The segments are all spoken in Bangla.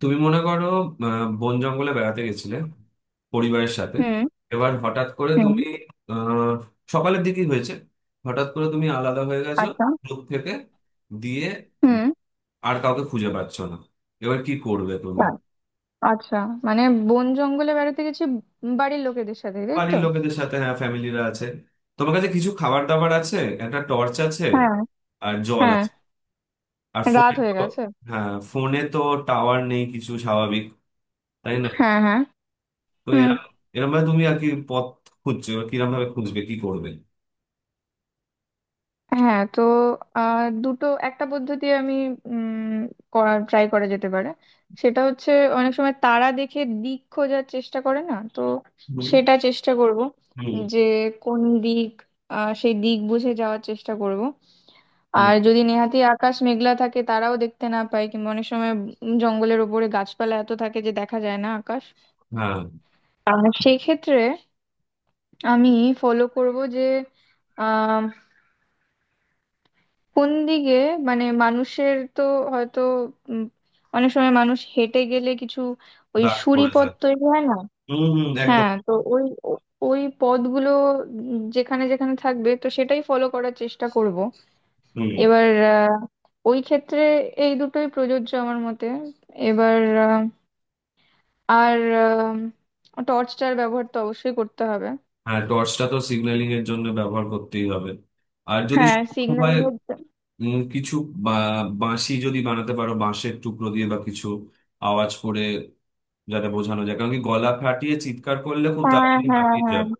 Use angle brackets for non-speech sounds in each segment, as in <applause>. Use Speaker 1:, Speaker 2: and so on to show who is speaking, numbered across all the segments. Speaker 1: তুমি মনে করো বন জঙ্গলে বেড়াতে গেছিলে পরিবারের সাথে।
Speaker 2: হুম।
Speaker 1: এবার হঠাৎ করে
Speaker 2: হুম।
Speaker 1: তুমি আহ সকালের দিকেই হয়েছে, হঠাৎ করে তুমি আলাদা হয়ে গেছো
Speaker 2: আচ্ছা।
Speaker 1: গ্রুপ থেকে, দিয়ে উম,
Speaker 2: হুম।
Speaker 1: আর কাউকে খুঁজে পাচ্ছ না। এবার কি করবে তুমি?
Speaker 2: তাই। আচ্ছা, মানে বন জঙ্গলে বেড়াতে গেছি বাড়ির লোকেদের সাথে, তাই তো?
Speaker 1: বাড়ির লোকেদের সাথে, হ্যাঁ ফ্যামিলিরা আছে। তোমার কাছে কিছু খাবার দাবার আছে, একটা টর্চ আছে,
Speaker 2: হ্যাঁ,
Speaker 1: আর জল
Speaker 2: হ্যাঁ।
Speaker 1: আছে। আর ফোনে
Speaker 2: রাত হয়ে
Speaker 1: তো,
Speaker 2: গেছে।
Speaker 1: হ্যাঁ ফোনে তো টাওয়ার নেই কিছু, স্বাভাবিক, তাই না।
Speaker 2: হ্যাঁ, হ্যাঁ।
Speaker 1: তো
Speaker 2: হুম।
Speaker 1: এরকম এরকম ভাবে তুমি আর কি পথ খুঁজছো? এবার কিরকম ভাবে খুঁজবে, কি করবে?
Speaker 2: হ্যাঁ, তো দুটো একটা পদ্ধতি আমি উম করার ট্রাই করা যেতে পারে। সেটা হচ্ছে, অনেক সময় তারা দেখে দিক খোঁজার চেষ্টা করে না তো,
Speaker 1: হুম,
Speaker 2: সেটা চেষ্টা করব
Speaker 1: হুম,
Speaker 2: যে কোন দিক, সেই দিক বুঝে যাওয়ার চেষ্টা করব।
Speaker 1: হুম,
Speaker 2: আর যদি নেহাতি আকাশ মেঘলা থাকে তারাও দেখতে না পায়, কিংবা অনেক সময় জঙ্গলের ওপরে গাছপালা এত থাকে যে দেখা যায় না আকাশ।
Speaker 1: হ্যাঁ,
Speaker 2: আর সেই ক্ষেত্রে আমি ফলো করব যে আহ কোন দিকে, মানে মানুষের তো হয়তো উম, অনেক সময় মানুষ হেঁটে গেলে কিছু ওই
Speaker 1: দাগ
Speaker 2: সুড়ি
Speaker 1: পড়ে
Speaker 2: পথ
Speaker 1: যায়।
Speaker 2: তৈরি হয় না।
Speaker 1: হুম, হুম, একদম।
Speaker 2: হ্যাঁ, তো ওই ওই পথগুলো যেখানে যেখানে থাকবে তো সেটাই ফলো করার চেষ্টা করব।
Speaker 1: হুম।
Speaker 2: এবার ওই ক্ষেত্রে এই দুটোই প্রযোজ্য আমার মতে। এবার আহ, আর টর্চটার ব্যবহার তো অবশ্যই করতে হবে।
Speaker 1: হ্যাঁ, টর্চটা তো সিগন্যালিং এর জন্য ব্যবহার করতেই হবে, আর যদি
Speaker 2: হ্যাঁ,
Speaker 1: সম্ভব
Speaker 2: সিগন্যাল।
Speaker 1: হয় কিছু বাঁশি যদি বানাতে পারো বাঁশের টুকরো দিয়ে, বা কিছু আওয়াজ করে যাতে বোঝানো যায়। কারণ কি, গলা ফাটিয়ে চিৎকার করলে খুব
Speaker 2: হ্যাঁ,
Speaker 1: তাড়াতাড়ি
Speaker 2: হ্যাঁ,
Speaker 1: হাঁপিয়ে
Speaker 2: হ্যাঁ,
Speaker 1: যাবে,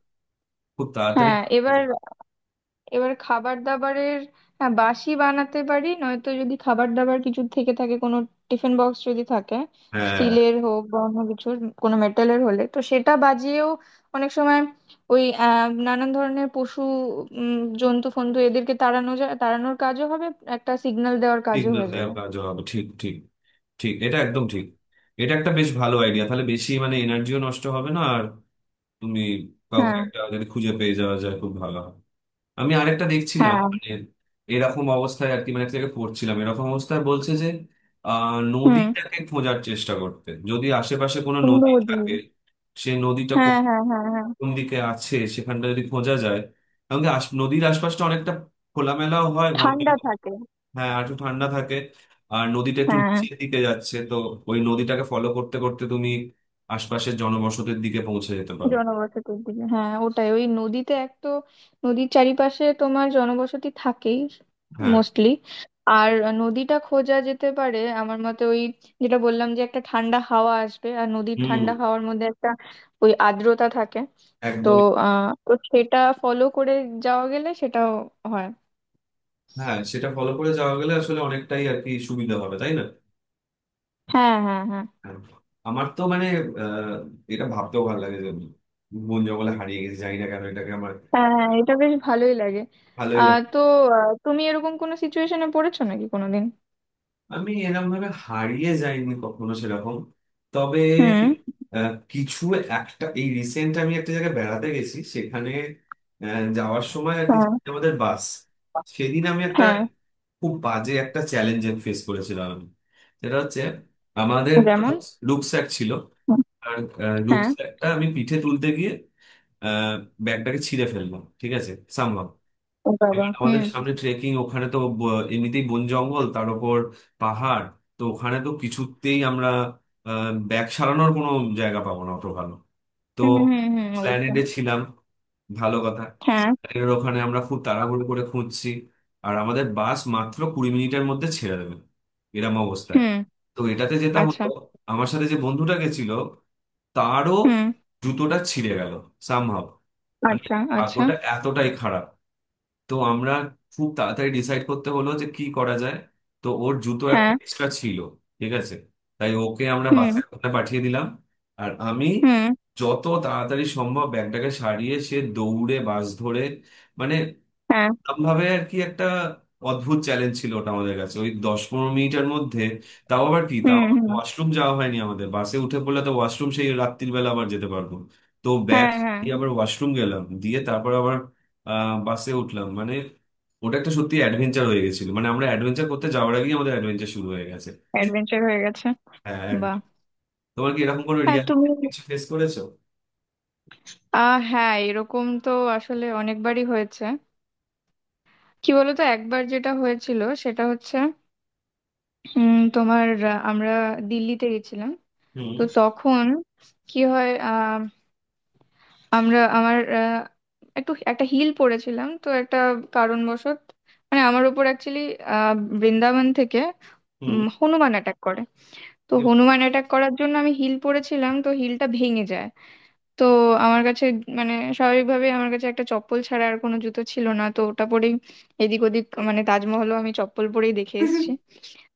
Speaker 1: খুব তাড়াতাড়ি
Speaker 2: হ্যাঁ।
Speaker 1: হাঁপিয়ে
Speaker 2: এবার
Speaker 1: যাবে।
Speaker 2: এবার খাবার দাবারের, হ্যাঁ বাসি বানাতে পারি, নয়তো যদি খাবার দাবার কিছু থেকে থাকে, কোনো টিফিন বক্স যদি থাকে,
Speaker 1: হ্যাঁ,
Speaker 2: স্টিলের হোক বা অন্য কিছুর কোনো মেটালের হলে তো সেটা বাজিয়েও অনেক সময় ওই নানান ধরনের পশু জন্তু ফন্তু এদেরকে তাড়ানো যায়, তাড়ানোর কাজও হবে, একটা সিগন্যাল দেওয়ার কাজও
Speaker 1: সিগন্যাল
Speaker 2: হয়ে যাবে।
Speaker 1: দেওয়ার কাজ হবে, ঠিক ঠিক, ঠিক, এটা একদম ঠিক। এটা একটা বেশ ভালো আইডিয়া, তাহলে বেশি মানে এনার্জিও নষ্ট হবে না। আর তুমি কাউকে
Speaker 2: হ্যাঁ,
Speaker 1: একটা যদি খুঁজে পেয়ে যাওয়া যায় খুব ভালো হয়। আমি আরেকটা দেখছিলাম,
Speaker 2: হ্যাঁ।
Speaker 1: মানে এরকম অবস্থায় আর কি, মানে একটা জায়গায় পড়ছিলাম এরকম অবস্থায় বলছে যে
Speaker 2: হুম।
Speaker 1: নদীটাকে খোঁজার চেষ্টা করতে, যদি আশেপাশে কোনো নদী
Speaker 2: সুন্দরী।
Speaker 1: থাকে। সে নদীটা কোন,
Speaker 2: হ্যাঁ, হ্যাঁ, হ্যাঁ, হ্যাঁ।
Speaker 1: কোন দিকে আছে সেখানটা যদি খোঁজা যায়। কারণ কি, নদীর আশপাশটা অনেকটা খোলামেলাও হয়, ঘন।
Speaker 2: ঠান্ডা থাকে।
Speaker 1: হ্যাঁ, আর একটু ঠান্ডা থাকে, আর নদীটা একটু
Speaker 2: হ্যাঁ,
Speaker 1: নিচের দিকে যাচ্ছে তো, ওই নদীটাকে ফলো করতে করতে তুমি আশপাশের জনবসতির দিকে পৌঁছে যেতে পারো।
Speaker 2: জনবসতির দিকে। হ্যাঁ, ওটাই ওই নদীতে এক তো, নদীর চারিপাশে তোমার জনবসতি থাকেই
Speaker 1: হ্যাঁ।
Speaker 2: মোস্টলি। আর নদীটা খোঁজা যেতে পারে আমার মতে, ওই যেটা বললাম যে একটা ঠান্ডা হাওয়া আসবে, আর নদীর
Speaker 1: হুম,
Speaker 2: ঠান্ডা হাওয়ার মধ্যে একটা ওই আর্দ্রতা থাকে। তো
Speaker 1: একদমই।
Speaker 2: তো সেটা ফলো করে যাওয়া গেলে সেটাও হয়।
Speaker 1: হ্যাঁ, সেটা ফলো করে যাওয়া গেলে আসলে অনেকটাই আর কি সুবিধা হবে, তাই না।
Speaker 2: হ্যাঁ হ্যাঁ, হ্যাঁ,
Speaker 1: হ্যাঁ। আমার তো মানে আহ এটা ভাবতেও ভালো লাগে যে আমি বন জঙ্গলে হারিয়ে গেছি, জানি না কেন এটাকে আমার
Speaker 2: হ্যাঁ। হ্যাঁ, এটা বেশ ভালোই লাগে।
Speaker 1: ভালোই
Speaker 2: আহ
Speaker 1: লাগে।
Speaker 2: তো তুমি এরকম কোনো সিচুয়েশনে পড়েছো নাকি কোনোদিন?
Speaker 1: আমি এরকম ভাবে হারিয়ে যাইনি কখনো সেরকম, তবে
Speaker 2: হুম।
Speaker 1: কিছু একটা এই রিসেন্ট, আমি একটা জায়গায় বেড়াতে গেছি সেখানে, যাওয়ার সময় আর কি
Speaker 2: হ্যাঁ,
Speaker 1: আমাদের বাস, সেদিন আমি একটা
Speaker 2: হ্যাঁ।
Speaker 1: খুব বাজে একটা চ্যালেঞ্জ ফেস করেছিলাম আমি। সেটা হচ্ছে আমাদের
Speaker 2: যেমন?
Speaker 1: রুকস্যাক ছিল,
Speaker 2: হুম।
Speaker 1: আর
Speaker 2: হ্যাঁ।
Speaker 1: রুকস্যাকটা আমি পিঠে তুলতে গিয়ে আহ, ব্যাগটাকে ছিঁড়ে ফেললাম, ঠিক আছে, সামহাও।
Speaker 2: ও
Speaker 1: এবার
Speaker 2: বাবা, হুম।
Speaker 1: আমাদের সামনে ট্রেকিং, ওখানে তো এমনিতেই বন জঙ্গল, তার ওপর পাহাড়। তো ওখানে তো কিছুতেই আমরা ব্যাগ সারানোর কোনো জায়গা পাবো না অত ভালো। তো
Speaker 2: হুম। হুম। হুম, অবশ্যই।
Speaker 1: স্প্ল্যানেডে ছিলাম, ভালো কথা।
Speaker 2: হ্যাঁ।
Speaker 1: এর ওখানে আমরা খুব তাড়াহুড়ো করে খুঁজছি, আর আমাদের বাস মাত্র 20 মিনিটের মধ্যে ছেড়ে দেবে, এরম অবস্থায়।
Speaker 2: হুম।
Speaker 1: তো এটাতে যেটা
Speaker 2: আচ্ছা।
Speaker 1: হলো, আমার সাথে যে বন্ধুটা গেছিল তারও
Speaker 2: হুম।
Speaker 1: জুতোটা ছিঁড়ে গেল সামহাও, মানে
Speaker 2: আচ্ছা, আচ্ছা।
Speaker 1: ভাগ্যটা এতটাই খারাপ। তো আমরা খুব তাড়াতাড়ি ডিসাইড করতে হলো যে কি করা যায়। তো ওর জুতো একটা
Speaker 2: হ্যাঁ।
Speaker 1: এক্সট্রা ছিল, ঠিক আছে, তাই ওকে আমরা
Speaker 2: হুম।
Speaker 1: বাসের ওখানে পাঠিয়ে দিলাম। আর আমি
Speaker 2: হুম।
Speaker 1: যত তাড়াতাড়ি সম্ভব ব্যাগটাকে সারিয়ে সে দৌড়ে বাস ধরে, মানে
Speaker 2: হ্যাঁ।
Speaker 1: ভাবে আর কি। একটা অদ্ভুত চ্যালেঞ্জ ছিল ওটা আমাদের কাছে, ওই 10-15 মিনিটের মধ্যে। তাও আবার কি, তাও
Speaker 2: হুম। হুম।
Speaker 1: ওয়াশরুম যাওয়া হয়নি আমাদের, বাসে উঠে পড়লে তো ওয়াশরুম সেই রাত্রির বেলা আবার যেতে পারবো। তো ব্যাগ
Speaker 2: হ্যাঁ, হ্যাঁ,
Speaker 1: দিয়ে আবার ওয়াশরুম গেলাম, দিয়ে তারপর আবার বাসে উঠলাম। মানে ওটা একটা সত্যি অ্যাডভেঞ্চার হয়ে গেছিল, মানে আমরা অ্যাডভেঞ্চার করতে যাওয়ার আগেই আমাদের অ্যাডভেঞ্চার শুরু হয়ে গেছে।
Speaker 2: অ্যাডভেঞ্চার হয়ে গেছে।
Speaker 1: হ্যাঁ, একদম।
Speaker 2: বাহ।
Speaker 1: তোমার কি এরকম কোনো
Speaker 2: হ্যাঁ,
Speaker 1: রিয়াল
Speaker 2: তুমি,
Speaker 1: কিছু ফেস করেছো?
Speaker 2: হ্যাঁ এরকম তো আসলে অনেকবারই হয়েছে। কি বলতো, একবার যেটা হয়েছিল সেটা হচ্ছে উম তোমার আমরা দিল্লিতে গেছিলাম।
Speaker 1: হুম,
Speaker 2: তো তখন কি হয়, আমরা আমার একটু একটা হিল পরেছিলাম তো একটা কারণবশত, মানে আমার উপর অ্যাকচুয়ালি বৃন্দাবন থেকে
Speaker 1: হুম,
Speaker 2: হনুমান অ্যাটাক করে। তো হনুমান অ্যাটাক করার জন্য আমি হিল পরেছিলাম তো হিলটা ভেঙে যায়। তো আমার কাছে, মানে স্বাভাবিকভাবে আমার কাছে একটা চপ্পল ছাড়া আর কোনো জুতো ছিল না, তো ওটা পরেই এদিক ওদিক, মানে তাজমহলও আমি চপ্পল পরেই দেখে এসেছি।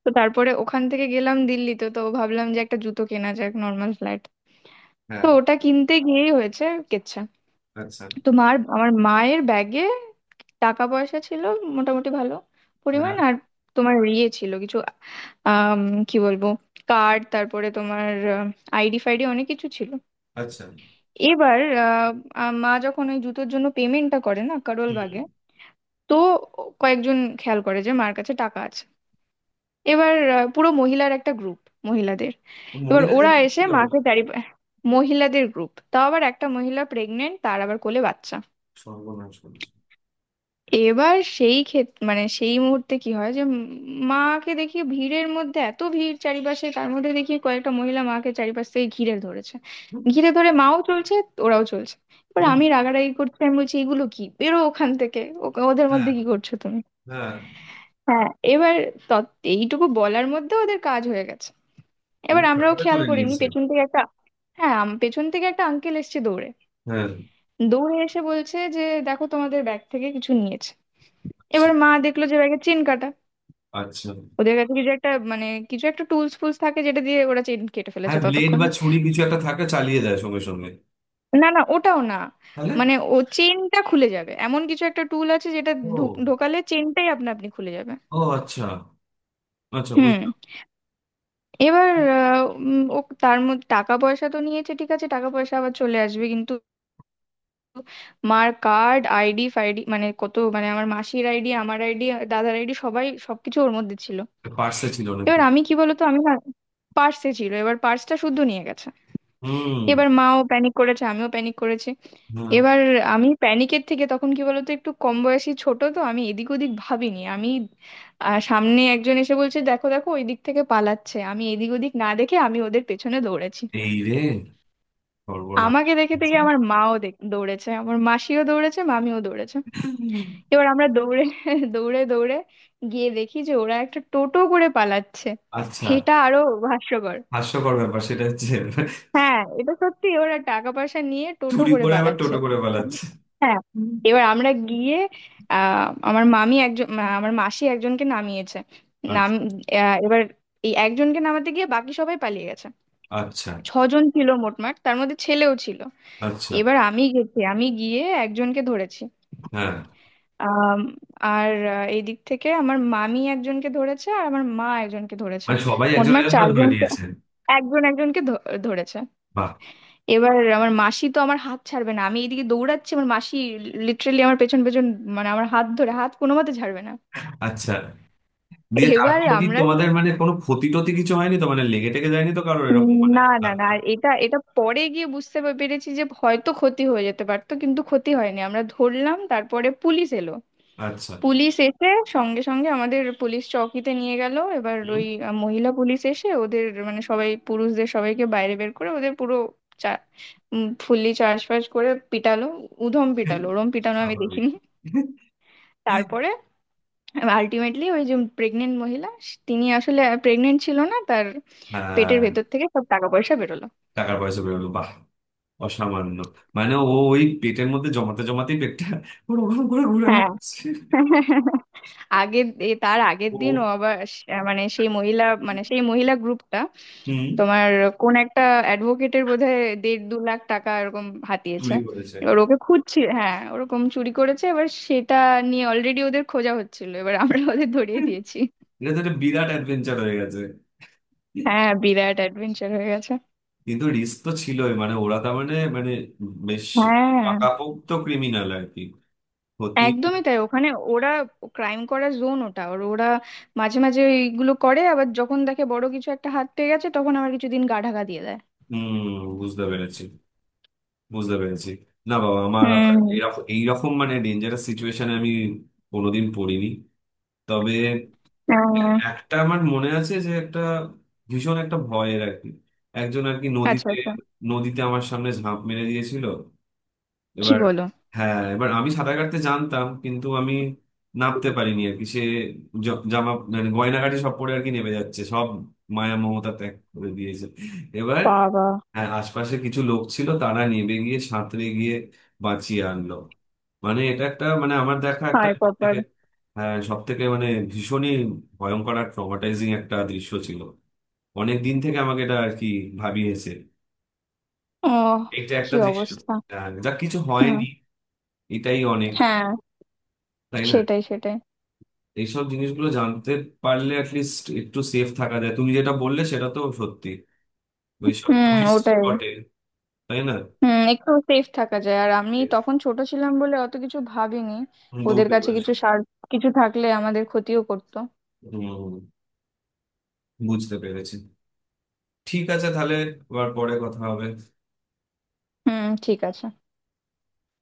Speaker 2: তো তারপরে ওখান থেকে গেলাম দিল্লিতে, তো ভাবলাম যে একটা জুতো কেনা যাক, নর্মাল ফ্ল্যাট। তো
Speaker 1: হ্যাঁ,
Speaker 2: ওটা কিনতে গিয়েই হয়েছে কেচ্ছা।
Speaker 1: আচ্ছা,
Speaker 2: তোমার, আমার মায়ের ব্যাগে টাকা পয়সা ছিল মোটামুটি ভালো পরিমাণ,
Speaker 1: হ্যাঁ,
Speaker 2: আর তোমার ইয়ে ছিল কিছু, আম, কি বলবো, কার্ড, তারপরে তোমার আইডি ফাইডি অনেক কিছু ছিল।
Speaker 1: আচ্ছা,
Speaker 2: এবার আহ, আহ, মা যখন ওই জুতোর জন্য পেমেন্টটা করে না কারোল
Speaker 1: হুম।
Speaker 2: বাগে, তো কয়েকজন খেয়াল করে যে মার কাছে টাকা আছে। এবার পুরো মহিলার একটা গ্রুপ, মহিলাদের। এবার
Speaker 1: মহিলাদের
Speaker 2: ওরা এসে
Speaker 1: কি
Speaker 2: মাকে
Speaker 1: অবস্থা?
Speaker 2: চারি, মহিলাদের গ্রুপ, তাও আবার একটা মহিলা প্রেগনেন্ট, তার আবার কোলে বাচ্চা।
Speaker 1: সর্বনাশ করেছে।
Speaker 2: এবার সেই ক্ষেত্রে মানে সেই মুহূর্তে কি হয় যে মাকে দেখি ভিড়ের মধ্যে, এত ভিড় চারিপাশে, তার মধ্যে দেখি কয়েকটা মহিলা মাকে চারিপাশ থেকে ঘিরে ধরেছে।
Speaker 1: হুম,
Speaker 2: ঘিরে ধরে মাও চলছে, ওরাও চলছে। এবার
Speaker 1: হুম,
Speaker 2: আমি রাগারাগি করছি, আমি বলছি এগুলো কি, বেরো ওখান থেকে, ওদের
Speaker 1: হ্যাঁ,
Speaker 2: মধ্যে কি করছো তুমি?
Speaker 1: হ্যাঁ,
Speaker 2: হ্যাঁ। এবার এইটুকু বলার মধ্যে ওদের কাজ হয়ে গেছে।
Speaker 1: মানে
Speaker 2: এবার আমরাও
Speaker 1: টাকাটা
Speaker 2: খেয়াল
Speaker 1: তুলে
Speaker 2: করিনি,
Speaker 1: নিয়েছে।
Speaker 2: পেছন থেকে একটা, হ্যাঁ পেছন থেকে একটা আঙ্কেল এসেছে দৌড়ে,
Speaker 1: হ্যাঁ,
Speaker 2: দৌড়ে এসে বলছে যে দেখো তোমাদের ব্যাগ থেকে কিছু নিয়েছে।
Speaker 1: আচ্ছা,
Speaker 2: এবার মা দেখলো যে ব্যাগে চেন কাটা।
Speaker 1: আচ্ছা।
Speaker 2: ওদের কাছে কিছু একটা, মানে কিছু একটা টুলস ফুলস থাকে, যেটা দিয়ে ওরা চেন কেটে ফেলেছে
Speaker 1: হ্যাঁ, ব্লেড বা
Speaker 2: ততক্ষণে।
Speaker 1: ছুরি কিছু একটা থাকে, চালিয়ে দেয় সঙ্গে সঙ্গে।
Speaker 2: না না, ওটাও না,
Speaker 1: তাহলে
Speaker 2: মানে ও চেনটা খুলে যাবে এমন কিছু একটা টুল আছে যেটা
Speaker 1: ও,
Speaker 2: ঢোকালে চেনটাই আপনা আপনি খুলে যাবে।
Speaker 1: ও আচ্ছা, আচ্ছা
Speaker 2: হুম।
Speaker 1: বুঝলাম।
Speaker 2: এবার ও তার মধ্যে টাকা পয়সা তো নিয়েছে, ঠিক আছে, টাকা পয়সা আবার চলে আসবে, কিন্তু মার কার্ড আইডি ফাইডি, মানে কত, মানে আমার মাসির আইডি, আমার আইডি, দাদার আইডি, সবাই সবকিছু ওর মধ্যে ছিল।
Speaker 1: পার্সে ছিল নাকি?
Speaker 2: এবার আমি কি বলতো, আমি না, পার্সে ছিল, এবার পার্সটা শুদ্ধ নিয়ে গেছে।
Speaker 1: হুম,
Speaker 2: এবার মাও প্যানিক করেছে, আমিও প্যানিক করেছি।
Speaker 1: হ্যাঁ,
Speaker 2: এবার আমি প্যানিকের থেকে, তখন কি বলতো একটু কম বয়সী ছোট, তো আমি এদিক ওদিক ভাবিনি, আমি সামনে একজন এসে বলছে দেখো দেখো ওই দিক থেকে পালাচ্ছে, আমি এদিক ওদিক না দেখে আমি ওদের পেছনে দৌড়েছি।
Speaker 1: এই রে, সর্বনাশ।
Speaker 2: আমাকে দেখে দেখে আমার মাও দৌড়েছে, আমার মাসিও দৌড়েছে, মামিও দৌড়েছে। এবার আমরা দৌড়ে <laughs> দৌড়ে দৌড়ে গিয়ে দেখি যে ওরা একটা টোটো করে পালাচ্ছে।
Speaker 1: আচ্ছা,
Speaker 2: এটা আরো হাস্যকর।
Speaker 1: হাস্যকর ব্যাপার সেটা হচ্ছে,
Speaker 2: হ্যাঁ এটা সত্যি, ওরা টাকা পয়সা নিয়ে টোটো
Speaker 1: চুরি
Speaker 2: করে
Speaker 1: করে আবার
Speaker 2: পালাচ্ছে।
Speaker 1: টোটো করে পালাচ্ছে।
Speaker 2: হ্যাঁ।
Speaker 1: হুম।
Speaker 2: এবার আমরা গিয়ে আমার মাসি একজনকে নামিয়েছে। নাম
Speaker 1: আচ্ছা,
Speaker 2: এবার এই একজনকে নামাতে গিয়ে বাকি সবাই পালিয়ে গেছে।
Speaker 1: আচ্ছা,
Speaker 2: ছজন ছিল মোটমাট, তার মধ্যে ছেলেও ছিল।
Speaker 1: আচ্ছা,
Speaker 2: এবার আমি গেছি, আমি গিয়ে একজনকে ধরেছি।
Speaker 1: হ্যাঁ,
Speaker 2: আম, আর এই দিক থেকে আমার মামি একজনকে ধরেছে আর আমার মা একজনকে ধরেছে।
Speaker 1: মানে সবাই একজন
Speaker 2: মোটমাট
Speaker 1: একজন করে ধরে
Speaker 2: চারজনকে,
Speaker 1: নিয়েছেন।
Speaker 2: একজন একজনকে ধরেছে।
Speaker 1: বাহ।
Speaker 2: এবার আমার মাসি তো আমার হাত ছাড়বে না, আমি এদিকে দৌড়াচ্ছি, আমার মাসি লিটারেলি আমার পেছন পেছন, মানে আমার হাত ধরে, হাত কোনো মতে ছাড়বে না।
Speaker 1: আচ্ছা, দিয়ে
Speaker 2: এবার
Speaker 1: তারপর কি
Speaker 2: আমরা শুধু
Speaker 1: তোমাদের মানে কোনো ক্ষতি টতি কিছু হয়নি তো, মানে লেগে টেগে যায়নি তো কারোর, এরকম মানে।
Speaker 2: না না না, আর এটা এটা পরে গিয়ে বুঝতে পেরেছি যে হয়তো ক্ষতি হয়ে যেতে পারতো কিন্তু ক্ষতি হয়নি। আমরা ধরলাম, তারপরে পুলিশ এলো।
Speaker 1: আচ্ছা,
Speaker 2: পুলিশ এসে সঙ্গে সঙ্গে আমাদের পুলিশ চৌকিতে নিয়ে গেল, এবার
Speaker 1: হুম।
Speaker 2: ওই মহিলা পুলিশ এসে ওদের, মানে সবাই পুরুষদের সবাইকে বাইরে বের করে ওদের পুরো চা ফুললি চার্জ ফার্জ করে পিটালো। উধম পিটালো, ওরম পিটানো আমি
Speaker 1: স্বাভাবিক।
Speaker 2: দেখিনি। তারপরে আলটিমেটলি ওই যে প্রেগনেন্ট মহিলা তিনি আসলে প্রেগনেন্ট ছিল না, তার পেটের
Speaker 1: হ্যাঁ,
Speaker 2: ভেতর থেকে সব টাকা পয়সা বেরোলো।
Speaker 1: টাকার পয়সা বেরোলো, বাহ, অসামান্য। মানে ও, ওই পেটের মধ্যে জমাতে জমাতেই পেটটা ওরকম করে ঘুরে
Speaker 2: হ্যাঁ।
Speaker 1: বেড়াচ্ছে।
Speaker 2: তার আগের দিন ও
Speaker 1: ও,
Speaker 2: আবার মানে সেই মহিলা, মানে সেই মহিলা গ্রুপটা
Speaker 1: হুম,
Speaker 2: তোমার কোন একটা অ্যাডভোকেটের বোধহয় দেড় দু লাখ টাকা এরকম হাতিয়েছে।
Speaker 1: চুরি করেছে।
Speaker 2: এবার ওকে খুঁজছি, হ্যাঁ ওরকম চুরি করেছে, এবার সেটা নিয়ে অলরেডি ওদের খোঁজা হচ্ছিল, এবার আমরা ওদের ধরিয়ে দিয়েছি।
Speaker 1: এটা তো একটা বিরাট অ্যাডভেঞ্চার হয়ে গেছে।
Speaker 2: হ্যাঁ, বিরাট অ্যাডভেঞ্চার হয়ে গেছে।
Speaker 1: কিন্তু রিস্ক তো ছিলই, মানে ওরা তার মানে, মানে বেশ
Speaker 2: হ্যাঁ,
Speaker 1: পাকাপোক্ত ক্রিমিনাল আর কি। ক্ষতি।
Speaker 2: একদমই তাই, ওখানে ওরা ক্রাইম করা জোন ওটা, আর ওরা মাঝে মাঝে এইগুলো করে, আবার যখন দেখে বড় কিছু একটা হাত পেয়ে গেছে তখন আবার কিছুদিন গা ঢাকা দিয়ে দেয়।
Speaker 1: হম, বুঝতে পেরেছি, বুঝতে পেরেছি। না বাবা, আমার আবার
Speaker 2: হুম।
Speaker 1: এরকম এইরকম মানে ডেঞ্জারাস সিচুয়েশনে আমি কোনোদিন পড়িনি। তবে
Speaker 2: আহ,
Speaker 1: একটা আমার মনে আছে, যে একটা ভীষণ একটা ভয়ের আর কি, একজন আর কি
Speaker 2: আচ্ছা,
Speaker 1: নদীতে,
Speaker 2: আচ্ছা।
Speaker 1: নদীতে আমার সামনে ঝাঁপ মেরে দিয়েছিল।
Speaker 2: কি
Speaker 1: এবার,
Speaker 2: বলো!
Speaker 1: হ্যাঁ এবার, আমি সাঁতার কাটতে জানতাম কিন্তু আমি নামতে পারিনি আর কি। সে জামা মানে গয়নাঘাটি সব পরে আর কি নেমে যাচ্ছে, সব মায়া মমতা ত্যাগ করে দিয়েছে। এবার
Speaker 2: বাবা!
Speaker 1: হ্যাঁ, আশপাশে কিছু লোক ছিল, তারা নেমে গিয়ে সাঁতরে গিয়ে বাঁচিয়ে আনলো। মানে এটা একটা মানে আমার দেখা একটা
Speaker 2: হায়
Speaker 1: সব
Speaker 2: কপাল!
Speaker 1: থেকে, হ্যাঁ সব থেকে মানে ভীষণই ভয়ঙ্কর আর ট্রমাটাইজিং একটা দৃশ্য ছিল। অনেক দিন থেকে আমাকে এটা আর কি ভাবিয়েছে।
Speaker 2: ও!
Speaker 1: এটা
Speaker 2: কি
Speaker 1: একটা দৃশ্য।
Speaker 2: অবস্থা!
Speaker 1: যা কিছু
Speaker 2: হুম।
Speaker 1: হয়নি এটাই অনেক,
Speaker 2: হ্যাঁ,
Speaker 1: তাই না।
Speaker 2: সেটাই সেটাই।
Speaker 1: এইসব জিনিসগুলো জানতে পারলে অ্যাটলিস্ট একটু সেফ থাকা যায়। তুমি যেটা বললে সেটা তো সত্যি, ওই সব
Speaker 2: হুম,
Speaker 1: টুরিস্ট
Speaker 2: ওটাই।
Speaker 1: স্পটে, তাই না।
Speaker 2: হুম, একটু সেফ থাকা যায়। আর আমি তখন ছোট ছিলাম বলে অত কিছু ভাবিনি, ওদের
Speaker 1: দৌড়ে
Speaker 2: কাছে
Speaker 1: করে।
Speaker 2: কিছু সার, কিছু থাকলে আমাদের ক্ষতিও করতো।
Speaker 1: হুম, বুঝতে পেরেছি। ঠিক আছে তাহলে, আবার পরে কথা হবে।
Speaker 2: হুম, ঠিক আছে।